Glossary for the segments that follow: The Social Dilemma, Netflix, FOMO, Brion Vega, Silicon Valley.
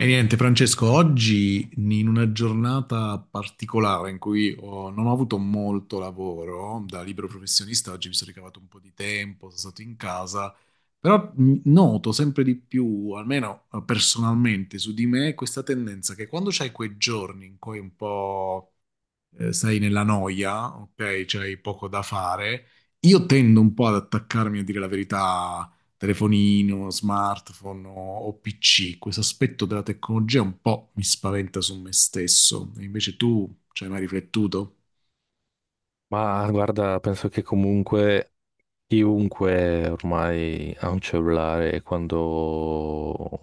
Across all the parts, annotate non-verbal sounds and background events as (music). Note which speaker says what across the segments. Speaker 1: E niente, Francesco, oggi in una giornata particolare in cui non ho avuto molto lavoro da libero professionista. Oggi mi sono ricavato un po' di tempo, sono stato in casa, però noto sempre di più, almeno personalmente su di me, questa tendenza che quando c'hai quei giorni in cui un po' sei nella noia, ok, c'hai poco da fare, io tendo un po' ad attaccarmi, a dire la verità, telefonino, smartphone o PC. Questo aspetto della tecnologia un po' mi spaventa su me stesso. E invece tu ci hai mai riflettuto?
Speaker 2: Ma guarda, penso che comunque chiunque ormai ha un cellulare e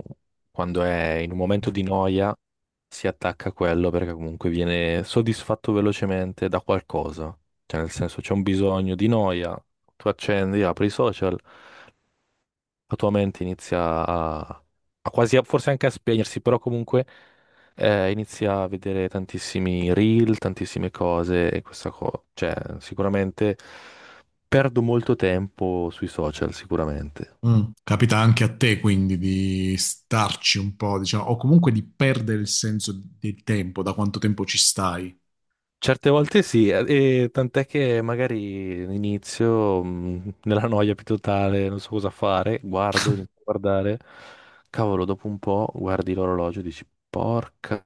Speaker 2: quando è in un momento di noia si attacca a quello perché comunque viene soddisfatto velocemente da qualcosa. Cioè, nel senso, c'è un bisogno di noia, tu accendi, apri i social, la tua mente inizia a, a quasi, forse anche a spegnersi, però comunque inizia a vedere tantissimi reel, tantissime cose e questa cosa, cioè sicuramente perdo molto tempo sui social, sicuramente.
Speaker 1: Mm. Capita anche a te quindi di starci un po', diciamo, o comunque di perdere il senso del tempo, da quanto tempo ci stai?
Speaker 2: Certe volte sì, e tant'è che magari inizio (laughs) nella noia più totale, non so cosa fare, guardo, inizio a guardare, cavolo, dopo un po' guardi l'orologio e dici porca,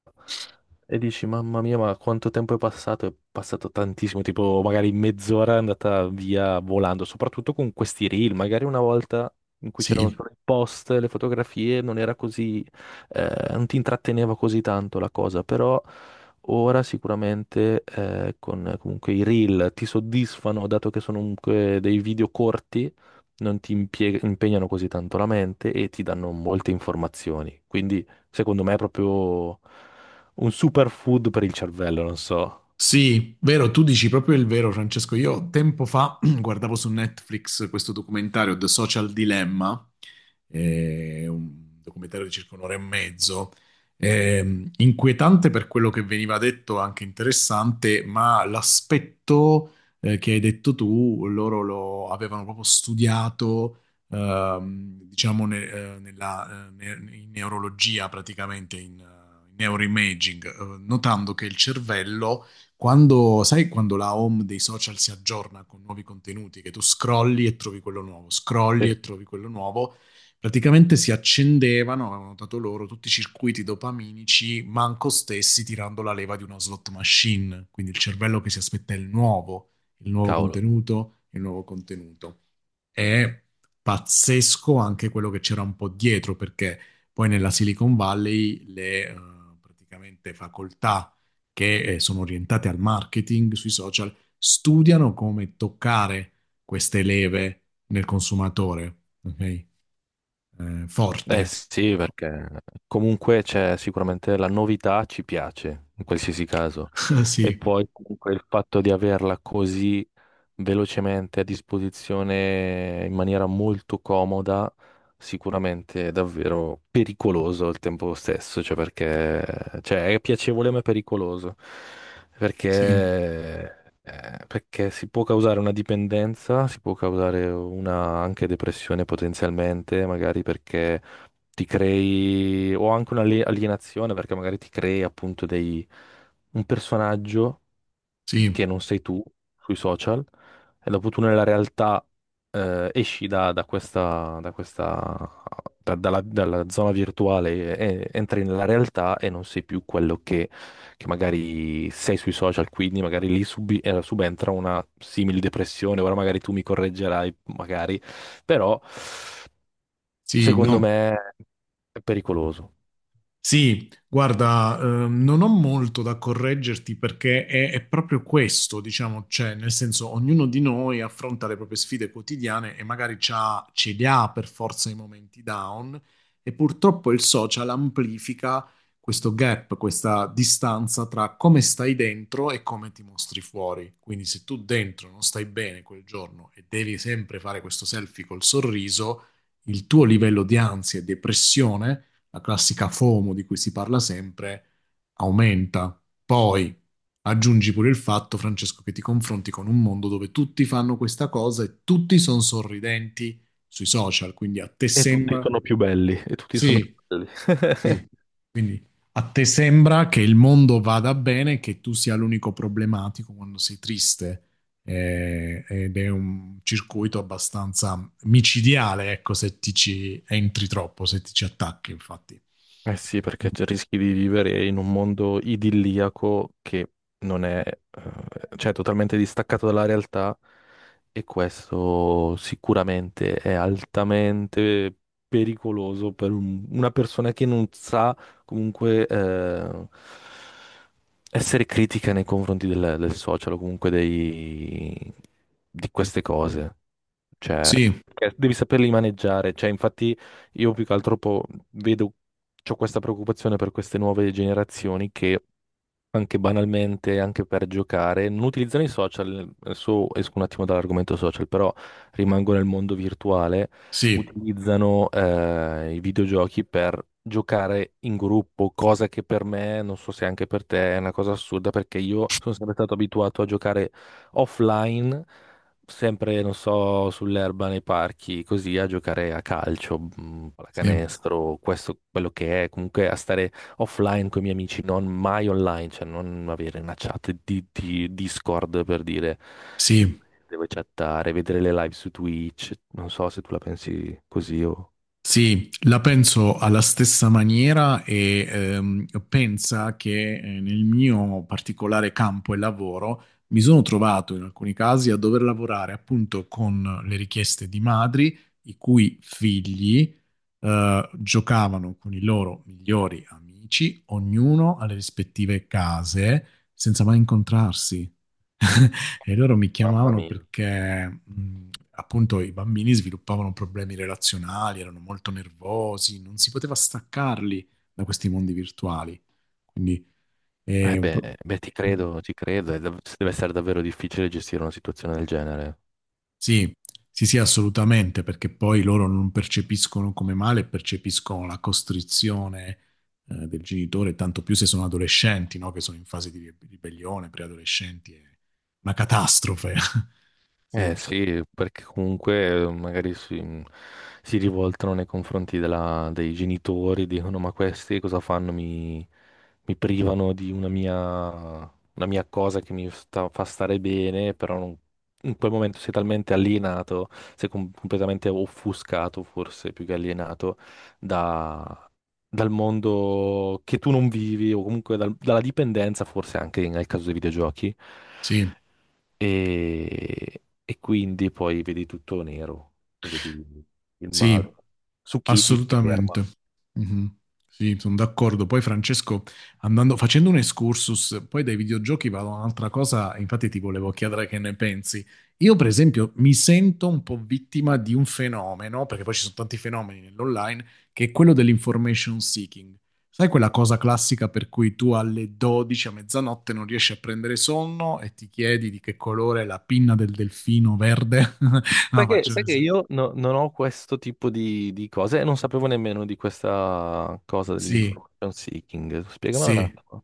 Speaker 2: e dici mamma mia, ma quanto tempo è passato? È passato tantissimo, tipo magari mezz'ora è andata via volando, soprattutto con questi reel, magari una volta in cui c'erano
Speaker 1: Sì.
Speaker 2: solo i post, le fotografie, non era così, non ti intratteneva così tanto la cosa, però... Ora sicuramente con comunque i reel ti soddisfano, dato che sono comunque dei video corti, non ti impegnano così tanto la mente e ti danno molte informazioni. Quindi secondo me è proprio un superfood per il cervello, non so.
Speaker 1: Sì, vero, tu dici proprio il vero, Francesco. Io tempo fa (clears throat) guardavo su Netflix questo documentario The Social Dilemma, un documentario di circa un'ora e mezzo, inquietante per quello che veniva detto, anche interessante, ma l'aspetto che hai detto tu, loro lo avevano proprio studiato, diciamo, in neurologia praticamente, in neuroimaging, notando che il cervello, sai, quando la home dei social si aggiorna con nuovi contenuti, che tu scrolli e trovi quello nuovo, scrolli
Speaker 2: Sì.
Speaker 1: e trovi quello nuovo, praticamente si accendevano, avevano notato loro, tutti i circuiti dopaminici, manco stessi tirando la leva di una slot machine. Quindi il cervello che si aspetta il nuovo
Speaker 2: Cavolo.
Speaker 1: contenuto, il nuovo contenuto. È pazzesco anche quello che c'era un po' dietro, perché poi nella Silicon Valley le praticamente facoltà che sono orientate al marketing sui social studiano come toccare queste leve nel consumatore, ok? Forte.
Speaker 2: Eh sì, perché comunque c'è sicuramente la novità, ci piace in qualsiasi caso.
Speaker 1: (laughs)
Speaker 2: E
Speaker 1: Sì,
Speaker 2: poi comunque il fatto di averla così velocemente a disposizione in maniera molto comoda, sicuramente è davvero pericoloso al tempo stesso, cioè perché, cioè è piacevole ma è pericoloso,
Speaker 1: sì,
Speaker 2: perché, perché si può causare una dipendenza, si può causare una anche depressione potenzialmente, magari perché ti crei, o anche un'alienazione, perché magari ti crei appunto dei, un personaggio
Speaker 1: sì,
Speaker 2: che non sei tu sui social e dopo tu nella realtà esci da questa, da questa, dalla, dalla zona virtuale e entri nella realtà e non sei più quello che magari sei sui social, quindi magari lì subentra una simile depressione, ora magari tu mi correggerai, magari, però
Speaker 1: sì,
Speaker 2: secondo
Speaker 1: no,
Speaker 2: me è pericoloso.
Speaker 1: sì, guarda, non ho molto da correggerti, perché è proprio questo, diciamo, cioè, nel senso, ognuno di noi affronta le proprie sfide quotidiane e magari ce li ha per forza i momenti down, e purtroppo il social amplifica questo gap, questa distanza tra come stai dentro e come ti mostri fuori. Quindi se tu dentro non stai bene quel giorno e devi sempre fare questo selfie col sorriso, il tuo livello di ansia e depressione, la classica FOMO di cui si parla sempre, aumenta. Poi aggiungi pure il fatto, Francesco, che ti confronti con un mondo dove tutti fanno questa cosa e tutti sono sorridenti sui social, quindi a te
Speaker 2: E tutti
Speaker 1: sembra.
Speaker 2: sono più belli, e tutti sono più
Speaker 1: Sì,
Speaker 2: belli.
Speaker 1: sì,
Speaker 2: (laughs)
Speaker 1: quindi a te sembra che il mondo vada bene e che tu sia l'unico problematico quando sei triste. Ed è un circuito abbastanza micidiale, ecco, se ti ci entri troppo, se ti ci attacchi, infatti.
Speaker 2: Eh sì, perché rischi di vivere in un mondo idilliaco che non è, cioè, totalmente distaccato dalla realtà, e questo sicuramente è altamente pericoloso per una persona che non sa comunque essere critica nei confronti del social o comunque di queste cose. Cioè,
Speaker 1: Sì,
Speaker 2: perché devi saperli maneggiare. Cioè, infatti, io più che altro vedo, ho questa preoccupazione per queste nuove generazioni che anche banalmente, anche per giocare, non utilizzano i social, adesso esco un attimo dall'argomento social, però rimango nel mondo virtuale,
Speaker 1: sì,
Speaker 2: utilizzano i videogiochi per giocare in gruppo, cosa che per me, non so se anche per te, è una cosa assurda perché io sono sempre stato abituato a giocare offline, sempre, non so, sull'erba nei parchi, così a giocare a calcio,
Speaker 1: sì,
Speaker 2: pallacanestro, questo quello che è, comunque a stare offline con i miei amici, non mai online, cioè non avere una chat di Discord per dire
Speaker 1: sì,
Speaker 2: devo chattare, vedere le live su Twitch. Non so se tu la pensi così o...
Speaker 1: sì, la penso alla stessa maniera, e pensa che nel mio particolare campo e lavoro mi sono trovato in alcuni casi a dover lavorare appunto con le richieste di madri i cui figli giocavano con i loro migliori amici, ognuno alle rispettive case, senza mai incontrarsi. (laughs) E loro mi
Speaker 2: Mamma
Speaker 1: chiamavano
Speaker 2: mia.
Speaker 1: perché appunto i bambini sviluppavano problemi relazionali, erano molto nervosi, non si poteva staccarli da questi mondi virtuali. Quindi
Speaker 2: Eh
Speaker 1: è un
Speaker 2: beh,
Speaker 1: pro-
Speaker 2: beh,
Speaker 1: Mm.
Speaker 2: ti credo, è deve essere davvero difficile gestire una situazione del genere.
Speaker 1: Sì, sì, sì, assolutamente, perché poi loro non percepiscono come male, percepiscono la costrizione del genitore, tanto più se sono adolescenti, no? Che sono in fase di ribellione, preadolescenti, è una catastrofe. (laughs)
Speaker 2: Eh
Speaker 1: Sì,
Speaker 2: sì, perché comunque magari si, mm, si rivoltano nei confronti dei genitori, dicono ma questi cosa fanno? Mi privano di una mia cosa che fa stare bene, però in quel momento sei talmente alienato, sei completamente offuscato forse più che alienato da- dal mondo che tu non vivi o comunque dalla dipendenza forse anche nel caso dei videogiochi
Speaker 1: sì,
Speaker 2: e quindi poi vedi tutto nero, e vedi il
Speaker 1: sì.
Speaker 2: male. Su chi ti ferma?
Speaker 1: Assolutamente. Mhm. Sì, sono d'accordo. Poi Francesco, facendo un excursus, poi dai videogiochi vado a un'altra cosa, infatti ti volevo chiedere che ne pensi. Io, per esempio, mi sento un po' vittima di un fenomeno, perché poi ci sono tanti fenomeni nell'online, che è quello dell'information seeking. Sai quella cosa classica per cui tu alle 12 a mezzanotte non riesci a prendere sonno e ti chiedi di che colore è la pinna del delfino verde? (laughs) No, faccio un
Speaker 2: Sai che
Speaker 1: esempio.
Speaker 2: io non ho questo tipo di cose e non sapevo nemmeno di questa cosa
Speaker 1: Sì.
Speaker 2: dell'information seeking. Spiegamela un
Speaker 1: Sì.
Speaker 2: attimo.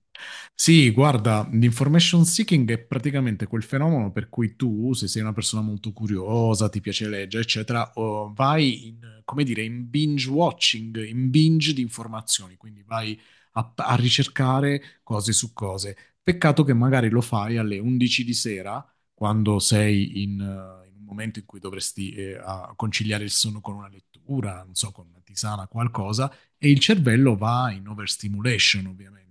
Speaker 1: Sì, guarda, l'information seeking è praticamente quel fenomeno per cui tu, se sei una persona molto curiosa, ti piace leggere, eccetera, o vai in, come dire, in binge watching, in binge di informazioni, quindi vai a ricercare cose su cose. Peccato che magari lo fai alle 11 di sera, quando sei in un momento in cui dovresti conciliare il sonno con una lettura, non so, con una tisana, qualcosa, e il cervello va in overstimulation ovviamente.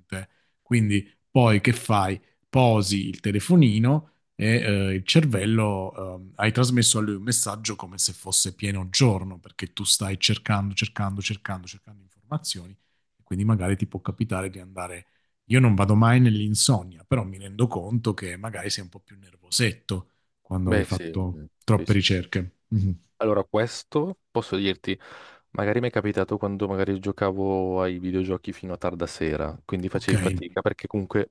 Speaker 1: Quindi poi che fai? Posi il telefonino e il cervello, hai trasmesso a lui un messaggio come se fosse pieno giorno, perché tu stai cercando, cercando, cercando, cercando informazioni, e quindi magari ti può capitare di andare. Io non vado mai nell'insonnia, però mi rendo conto che magari sei un po' più nervosetto quando hai
Speaker 2: Beh, sì,
Speaker 1: fatto troppe
Speaker 2: sì.
Speaker 1: ricerche. Mm.
Speaker 2: Allora, questo posso dirti, magari mi è capitato quando magari giocavo ai videogiochi fino a tarda sera, quindi
Speaker 1: Ok,
Speaker 2: facevi fatica perché comunque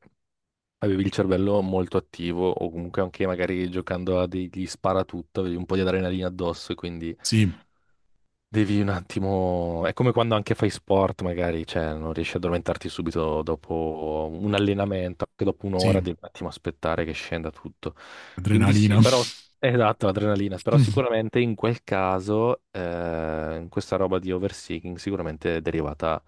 Speaker 2: avevi il cervello molto attivo o comunque anche magari giocando a degli sparatutto, avevi un po' di adrenalina addosso e quindi
Speaker 1: sì,
Speaker 2: devi un attimo, è come quando anche fai sport, magari, cioè, non riesci ad addormentarti subito dopo un allenamento, anche dopo un'ora
Speaker 1: sì,
Speaker 2: devi un attimo aspettare che scenda tutto. Quindi
Speaker 1: adrenalina.
Speaker 2: sì, però,
Speaker 1: (laughs)
Speaker 2: esatto, l'adrenalina, però
Speaker 1: Mhm.
Speaker 2: sicuramente in quel caso, in questa roba di overseeking, sicuramente è derivata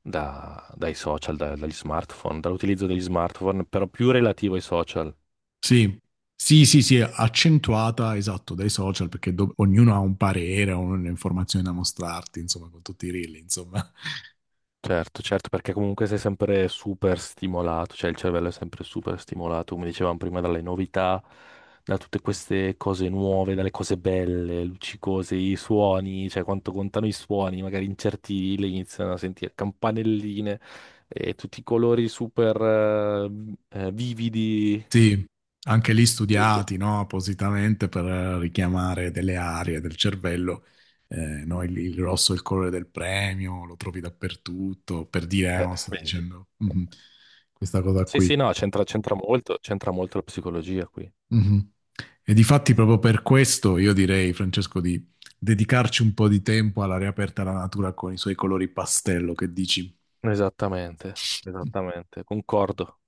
Speaker 2: dai social, dagli smartphone, dall'utilizzo degli smartphone, però più relativo ai social.
Speaker 1: Sì. Sì, sì, sì, accentuata, esatto, dai social, perché ognuno ha un parere, o un'informazione da mostrarti, insomma, con tutti i reel, insomma.
Speaker 2: Certo, certo, perché comunque sei sempre super stimolato, cioè il cervello è sempre super stimolato, come dicevamo prima, dalle novità, da tutte queste cose nuove, dalle cose belle, luccicose, i suoni, cioè quanto contano i suoni, magari in certi le iniziano a sentire campanelline e tutti i colori super vividi.
Speaker 1: Sì, anche lì
Speaker 2: Assurdo.
Speaker 1: studiati, no, appositamente per richiamare delle aree del cervello. No, il rosso è il colore del premio, lo trovi dappertutto, per dire, no, sto
Speaker 2: Vedi.
Speaker 1: dicendo, (laughs) questa cosa
Speaker 2: Sì,
Speaker 1: qui.
Speaker 2: sì, no, c'entra molto la psicologia qui.
Speaker 1: Mhm. E difatti proprio per questo io direi, Francesco, di dedicarci un po' di tempo alla riaperta alla natura con i suoi colori pastello, che dici?
Speaker 2: Esattamente, esattamente, concordo.